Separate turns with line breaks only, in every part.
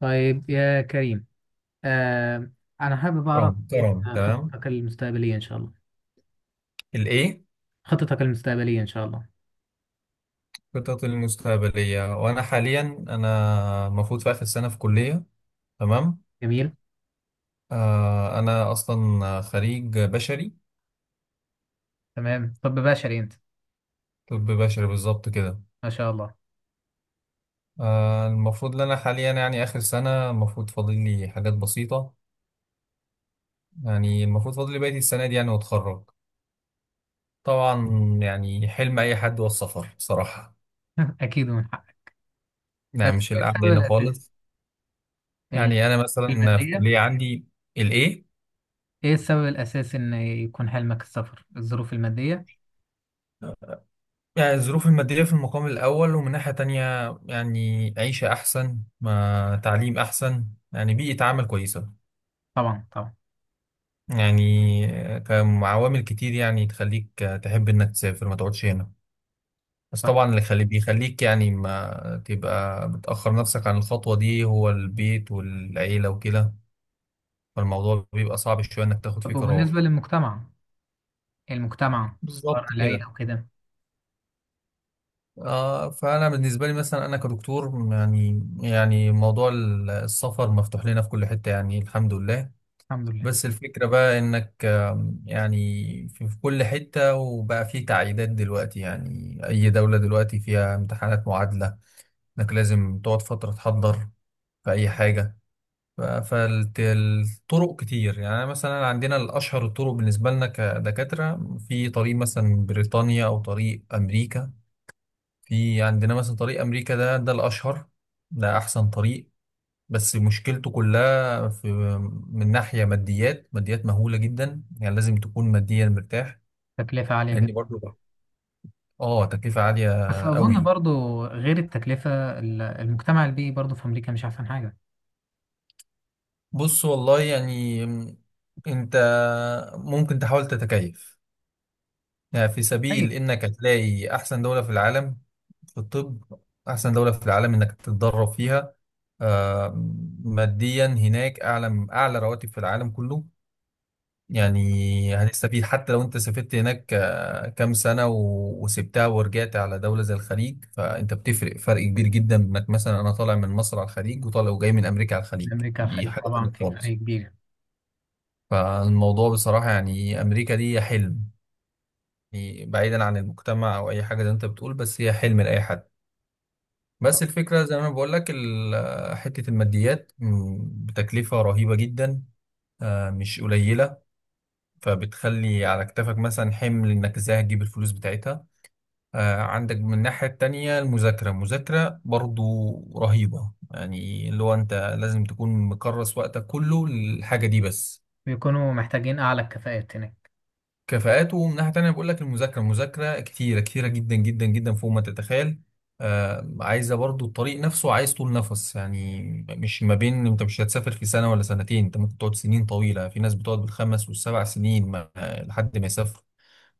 طيب يا كريم. آه أنا حابب أعرف
ترامب
إيه
ترامب، تمام.
خطتك المستقبلية إن شاء الله.
الايه؟
خطتك المستقبلية إن شاء الله؟
خطط المستقبليه وانا حاليا، انا المفروض في اخر سنه في كليه. تمام.
جميل.
آه، انا اصلا خريج بشري.
تمام، طب بشري أنت؟
طب بشري بالظبط كده.
ما شاء الله.
آه، المفروض ان انا حاليا، يعني اخر سنه المفروض فاضل لي حاجات بسيطه. يعني المفروض فاضل لي بقيه السنه دي يعني واتخرج. طبعا. يعني حلم اي حد هو السفر صراحه.
أكيد من حقك. بس
يعني مش
إيه
القعده
السبب
هنا
الأساسي؟
خالص.
ال-
يعني انا مثلا في
المادية؟
كليه عندي. الايه؟
إيه السبب الأساسي إن يكون حلمك السفر؟ الظروف المادية؟
يعني الظروف المادية في المقام الأول، ومن ناحية تانية، يعني عيشة أحسن، ما تعليم أحسن، يعني بيئة عمل كويسة،
طبعا طبعا.
يعني كعوامل كتير يعني تخليك تحب إنك تسافر ما تقعدش هنا. بس
صحيح.
طبعا اللي بيخليك يعني ما تبقى بتأخر نفسك عن الخطوة دي هو البيت والعيلة وكده. فالموضوع بيبقى صعب شوية إنك تاخد
طب،
فيه قرار.
وبالنسبة للمجتمع؟ المجتمع؟ أفكار
بالظبط كده.
العيلة وكده؟
آه، فأنا بالنسبة لي مثلا أنا كدكتور، يعني موضوع السفر مفتوح لنا في كل حتة، يعني الحمد لله.
الحمد لله.
بس الفكرة بقى إنك، يعني، في كل حتة، وبقى في تعقيدات دلوقتي، يعني أي دولة دلوقتي فيها امتحانات معادلة، إنك لازم تقعد فترة تحضر في أي حاجة. فالطرق كتير، يعني أنا مثلا عندنا الأشهر الطرق بالنسبة لنا كدكاترة، في طريق مثلا بريطانيا أو طريق أمريكا. في عندنا مثلا طريق أمريكا ده الأشهر. ده أحسن طريق. بس مشكلته كلها في، من ناحية ماديات، ماديات مهولة جدا، يعني لازم تكون ماديا مرتاح.
تكلفة عالية
لأن
جدا.
برضو، اه، تكلفة عالية
بس أظن
قوي.
برضو غير التكلفة، المجتمع البيئي برضو في أمريكا مش أحسن حاجة.
بص والله، يعني أنت ممكن تحاول تتكيف، يعني في سبيل إنك هتلاقي أحسن دولة في العالم في الطب، أحسن دولة في العالم إنك تتدرب فيها. آه، ماديا هناك أعلى أعلى رواتب في العالم كله. يعني هتستفيد حتى لو انت سافرت هناك كام سنة وسبتها ورجعت على دولة زي الخليج، فانت بتفرق فرق كبير جدا. مثلا انا طالع من مصر على الخليج، وطالع وجاي من امريكا على الخليج،
أمريكا
دي
الخليج،
حاجة تانية
طبعا في فرق
خالص.
كبير.
فالموضوع بصراحة، يعني امريكا دي حلم. يعني بعيدا عن المجتمع او اي حاجة زي ما انت بتقول، بس هي حلم لأي حد. بس الفكرة زي ما انا بقول لك، حتة الماديات، بتكلفة رهيبة جدا. مش قليلة. فبتخلي على كتافك مثلا حمل انك ازاي هتجيب الفلوس بتاعتها. عندك من الناحية التانية، المذاكرة المذاكرة برضو رهيبة، يعني اللي هو انت لازم تكون مكرس وقتك كله للحاجة دي بس.
بيكونوا محتاجين أعلى الكفاءات هناك.
كفاءات، ومن ناحية تانية بقول لك، المذاكرة المذاكرة كتيرة كتيرة جدا جدا جدا فوق ما تتخيل. عايزة برضو، الطريق نفسه عايز طول نفس، يعني مش ما بين، انت مش هتسافر في سنة ولا سنتين، انت ممكن تقعد سنين طويلة. في ناس بتقعد بالخمس والسبع سنين ما لحد ما يسافر.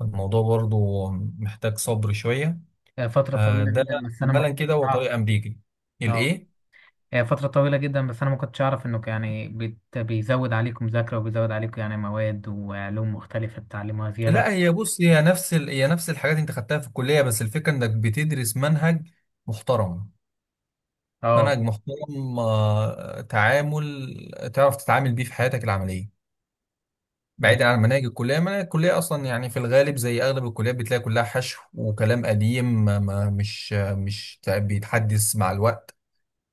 الموضوع برضو محتاج صبر شوية.
فترة
آه،
طويلة
ده
جدا بس أنا ما
عملا كده
كنتش
هو
أعرف.
طريق أمريكي.
أه،
الإيه؟
هي فترة طويلة جدا بس أنا ما كنتش أعرف إنه يعني بيزود عليكم مذاكرة وبيزود عليكم يعني مواد وعلوم مختلفة تتعلموها زيادة.
لا هي بص، هي نفس الحاجات أنت خدتها في الكلية، بس الفكرة إنك بتدرس منهج محترم.
أه،
منهج محترم، تعامل تعرف تتعامل بيه في حياتك العملية.
جميل.
بعيدا عن مناهج الكلية، مناهج الكلية أصلا يعني في الغالب زي أغلب الكليات بتلاقي كلها حشو وكلام قديم مش بيتحدث مع الوقت.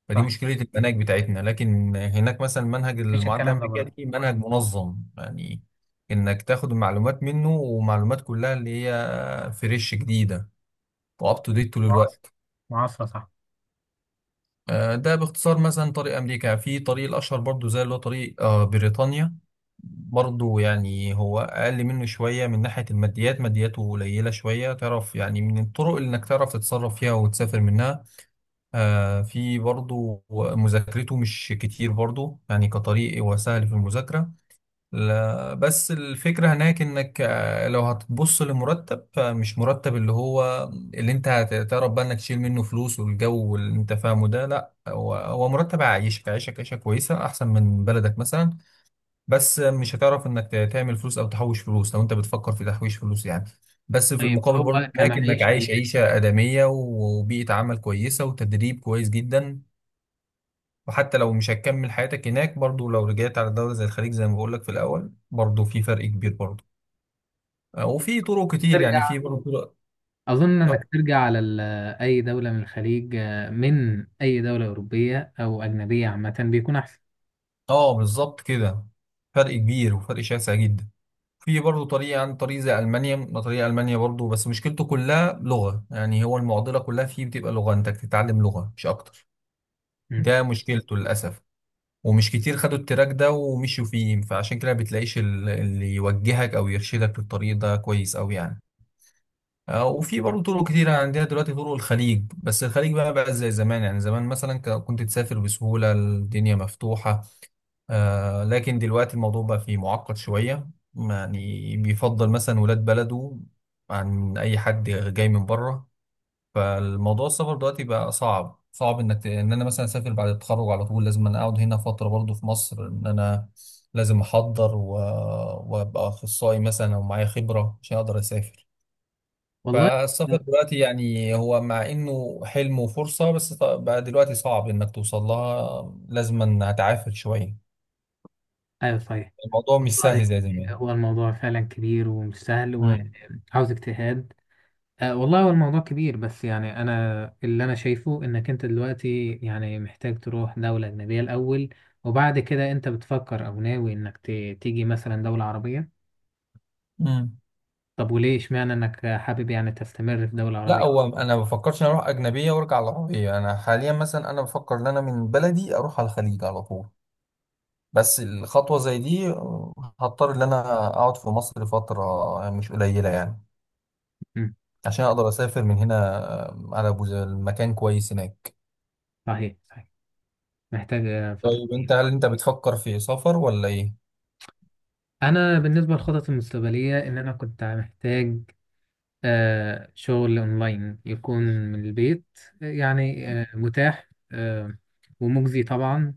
فدي
صح.
مشكلة المناهج بتاعتنا، لكن هناك مثلا منهج
مفيش
المعادلة
الكلام ده
الأمريكية،
بره.
دي منهج منظم، يعني إنك تاخد المعلومات منه، ومعلومات كلها اللي هي فريش جديدة وأب تو ديت طول
معاصر.
الوقت.
معاصرة، صح.
ده باختصار. مثلا طريق أمريكا، في طريق الأشهر برضو زي اللي هو طريق بريطانيا، برضو يعني هو أقل منه شوية من ناحية الماديات، مادياته قليلة شوية، تعرف يعني، من الطرق اللي إنك تعرف تتصرف فيها وتسافر منها. في برضه، مذاكرته مش كتير برضه، يعني كطريق هو سهل في المذاكرة. لا بس الفكرة هناك انك، لو هتبص لمرتب، فمش مرتب اللي هو، اللي انت هتعرف بقى انك تشيل منه فلوس والجو اللي انت فاهمه ده، لا، هو مرتب عايشك عايشك عيشة كويسة احسن من بلدك مثلا. بس مش هتعرف انك تعمل فلوس او تحوش فلوس، لو انت بتفكر في تحويش فلوس يعني. بس في
طيب،
المقابل برضه
هو
هناك انك عايش
كمعيشي؟
عيشة آدمية، وبيئة عمل كويسة، وتدريب كويس جدا. وحتى لو مش هتكمل حياتك هناك برضه، لو رجعت على دولة زي الخليج زي ما بقول لك في الأول، برضه في فرق كبير برضه. وفي طرق كتير، يعني
ترجع
في برضه طرق.
أظن
اه.
إنك ترجع على أي دولة من الخليج، من أي دولة أوروبية أو أجنبية عامة بيكون أحسن.
آه، بالظبط كده. فرق كبير وفرق شاسع جدا. في برضه طريقة عن طريق زي ألمانيا، طريق ألمانيا برضه بس مشكلته كلها لغة، يعني هو المعضلة كلها فيه بتبقى لغة، أنت بتتعلم لغة مش أكتر.
مم.
ده مشكلته للأسف. ومش كتير خدوا التراك ده ومشوا فيه، فعشان كده ما بتلاقيش اللي يوجهك أو يرشدك للطريق ده كويس أوي يعني. وفي برضه طرق كتيرة عندنا دلوقتي، طرق الخليج، بس الخليج بقى زي زمان. يعني زمان مثلا كنت تسافر بسهولة، الدنيا مفتوحة. لكن دلوقتي الموضوع بقى فيه معقد شوية. يعني بيفضل مثلا ولاد بلده عن أي حد جاي من بره. فالموضوع السفر دلوقتي بقى صعب صعب، إن أنا مثلا أسافر بعد التخرج على طول، لازم أنا أقعد هنا فترة برضه في مصر، إن أنا لازم أحضر وأبقى أخصائي مثلا، أو معايا خبرة عشان أقدر أسافر.
والله.
فالسفر دلوقتي يعني هو مع إنه حلم وفرصة، بس بقى دلوقتي صعب إنك توصل لها، لازم هتعافر شوية.
ايوه، صحيح.
الموضوع مش
والله،
سهل زي زمان.
هو الموضوع فعلا كبير ومش سهل
امم،
وعاوز اجتهاد. أه، والله هو الموضوع كبير، بس يعني انا اللي انا شايفه انك انت دلوقتي يعني محتاج تروح دولة اجنبية الاول. وبعد كده انت بتفكر او ناوي انك تيجي مثلا دولة عربية.
امم.
طب، وليه اشمعنى انك حابب يعني تستمر في دولة
لا هو
عربية؟
انا ما بفكرش إن اروح اجنبيه وارجع العربيه، انا حاليا مثلا انا بفكر ان انا من بلدي اروح على الخليج على طول. بس الخطوه زي دي، هضطر ان انا اقعد في مصر فتره مش قليله يعني،
مم.
عشان اقدر اسافر من هنا. على ابو زيد مكان كويس هناك.
صحيح صحيح. محتاج فترة
طيب، انت
كبيرة.
هل انت بتفكر في سفر ولا ايه؟
انا بالنسبة للخطط المستقبلية ان انا كنت محتاج شغل أونلاين يكون من البيت. يعني متاح، ومجزي طبعا،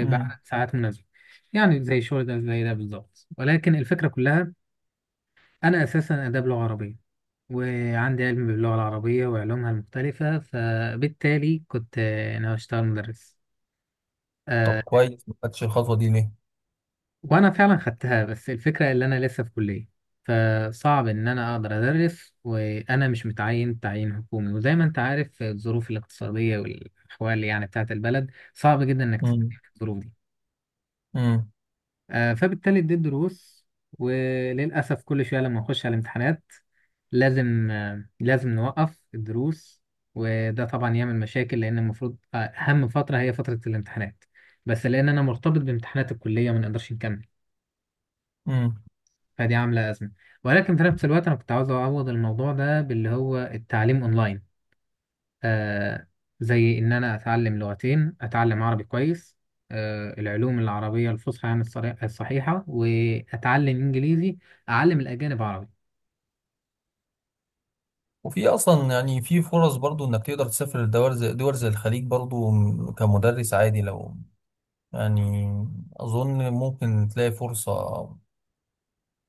امم.
ساعات مناسبة. يعني زي الشغل ده، زي ده بالظبط، ولكن الفكرة كلها أنا أساسا آداب لغة عربية. وعندي علم باللغة العربية وعلومها المختلفة، فبالتالي كنت أنا أشتغل مدرس.
طب
آه،
كويس، ما خدتش الخطوه دي ليه؟
وانا فعلا خدتها، بس الفكره اللي انا لسه في كليه، فصعب ان انا اقدر ادرس وانا مش متعين تعيين حكومي، وزي ما انت عارف الظروف الاقتصاديه والاحوال يعني بتاعت البلد صعب جدا انك تتعين في الظروف دي. فبالتالي اديت دروس. وللاسف كل شويه لما اخش على الامتحانات لازم نوقف الدروس. وده طبعا يعمل مشاكل لان المفروض اهم فتره هي فتره الامتحانات. بس لان انا مرتبط بامتحانات الكليه ما نقدرش نكمل.
امم.
فدي عاملة أزمة. ولكن في نفس الوقت أنا كنت عاوز أعوض الموضوع ده باللي هو التعليم أونلاين. آه. زي إن أنا أتعلم لغتين أتعلم عربي كويس. العلوم العربية الفصحى يعني الصحيحة وأتعلم إنجليزي. أعلم الأجانب عربي.
وفي اصلا، يعني في فرص برضو انك تقدر تسافر لدول زي دول زي الخليج برضو، كمدرس عادي لو، يعني، اظن ممكن تلاقي فرصة.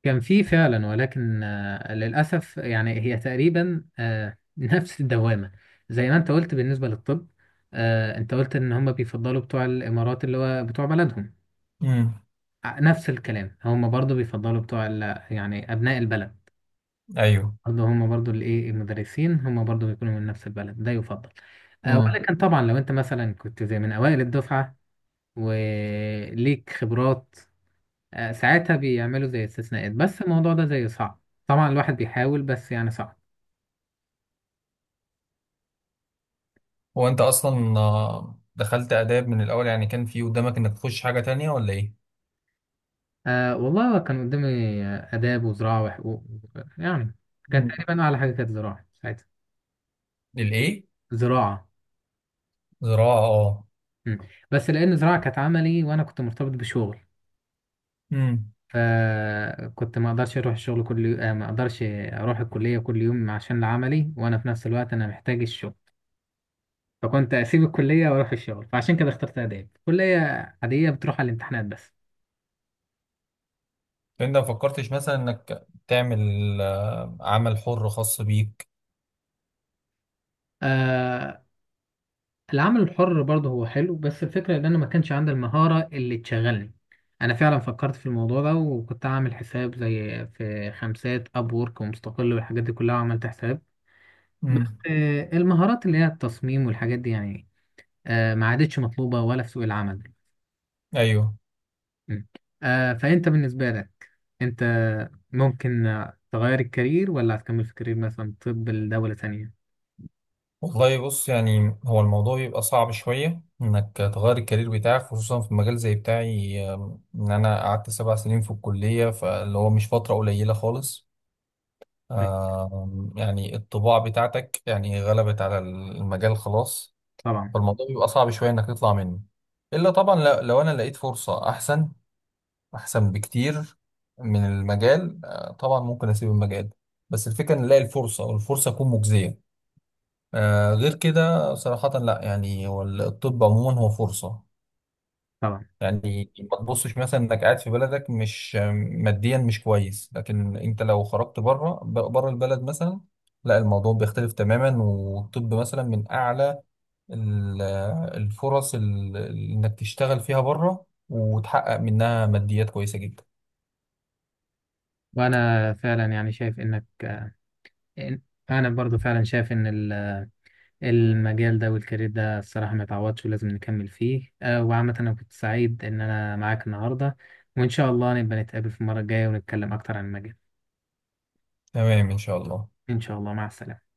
كان في فعلا، ولكن للأسف يعني هي تقريبا نفس الدوامة. زي ما أنت قلت بالنسبة للطب. أنت قلت إن هم بيفضلوا بتوع الإمارات اللي هو بتوع بلدهم.
امم.
نفس الكلام، هم برضو بيفضلوا بتوع يعني أبناء البلد.
ايوه.
برضو هم برضو الإيه المدرسين هم برضو بيكونوا من نفس البلد ده يفضل. أه،
امم.
ولكن طبعا لو أنت مثلا كنت زي من أوائل الدفعة وليك خبرات. أه، ساعتها بيعملوا زي استثناءات، بس الموضوع ده زي صعب. طبعا الواحد بيحاول، بس يعني صعب.
هو انت اصلا، دخلت آداب من الاول، يعني كان في قدامك انك تخش حاجة تانية ولا ايه؟
أه، والله كان قدامي آداب وزراعة وحقوق. يعني. كان
مم.
تقريبا أعلى حاجة كانت زراعة ساعتها.
للايه؟
زراعة.
زراعة، اه.
مم. بس لأن زراعة كانت عملي وأنا كنت مرتبط بشغل،
امم.
فكنت ما اقدرش اروح الشغل كل يوم، ما اقدرش اروح الكليه كل يوم عشان العملي وانا في نفس الوقت انا محتاج الشغل. فكنت اسيب الكليه واروح الشغل فعشان كده اخترت اداب كليه عاديه بتروح على الامتحانات بس.
فانت ما فكرتش مثلا انك تعمل عمل حر خاص بيك.
آه العمل الحر برضه هو حلو، بس الفكره ان انا ما كانش عندي المهاره اللي تشغلني. انا فعلا فكرت في الموضوع ده وكنت عامل حساب زي في خمسات اب وورك ومستقل والحاجات دي كلها عملت حساب. بس
مم.
المهارات اللي هي التصميم والحاجات دي يعني ما عادتش مطلوبة ولا في سوق العمل.
ايوه.
م. فأنت بالنسبة لك، أنت ممكن تغير الكارير ولا هتكمل في كارير مثلا طب لدولة تانية؟
والله بص، يعني هو الموضوع بيبقى صعب شوية إنك تغير الكارير بتاعك، خصوصا في مجال زي بتاعي، إن أنا قعدت 7 سنين في الكلية، فاللي هو مش فترة قليلة خالص.
أيوة.
يعني الطباع بتاعتك يعني غلبت على المجال خلاص.
طبعا.
فالموضوع بيبقى صعب شوية إنك تطلع منه، إلا طبعا لو أنا لقيت فرصة أحسن، أحسن بكتير من المجال، طبعا ممكن أسيب المجال، بس الفكرة إن ألاقي الفرصة والفرصة تكون مجزية. غير كده صراحة لا، يعني هو الطب عموما هو فرصة.
طبعا.
يعني ما تبصش مثلا انك قاعد في بلدك، مش ماديا مش كويس، لكن انت لو خرجت بره بره البلد مثلا، لا الموضوع بيختلف تماما. والطب مثلا من اعلى ال- الفرص، انك تشتغل فيها بره وتحقق منها ماديات كويسة جدا.
وأنا فعلا يعني شايف إنك إن- أنا برضو فعلا شايف إن المجال ده والكارير ده، الصراحة ما يتعوضش ولازم نكمل فيه، وعامة أنا كنت سعيد إن أنا معاك النهاردة، وإن شاء الله نبقى نتقابل في المرة الجاية ونتكلم أكتر عن المجال.
تمام ان شاء الله.
إن شاء الله، مع السلامة.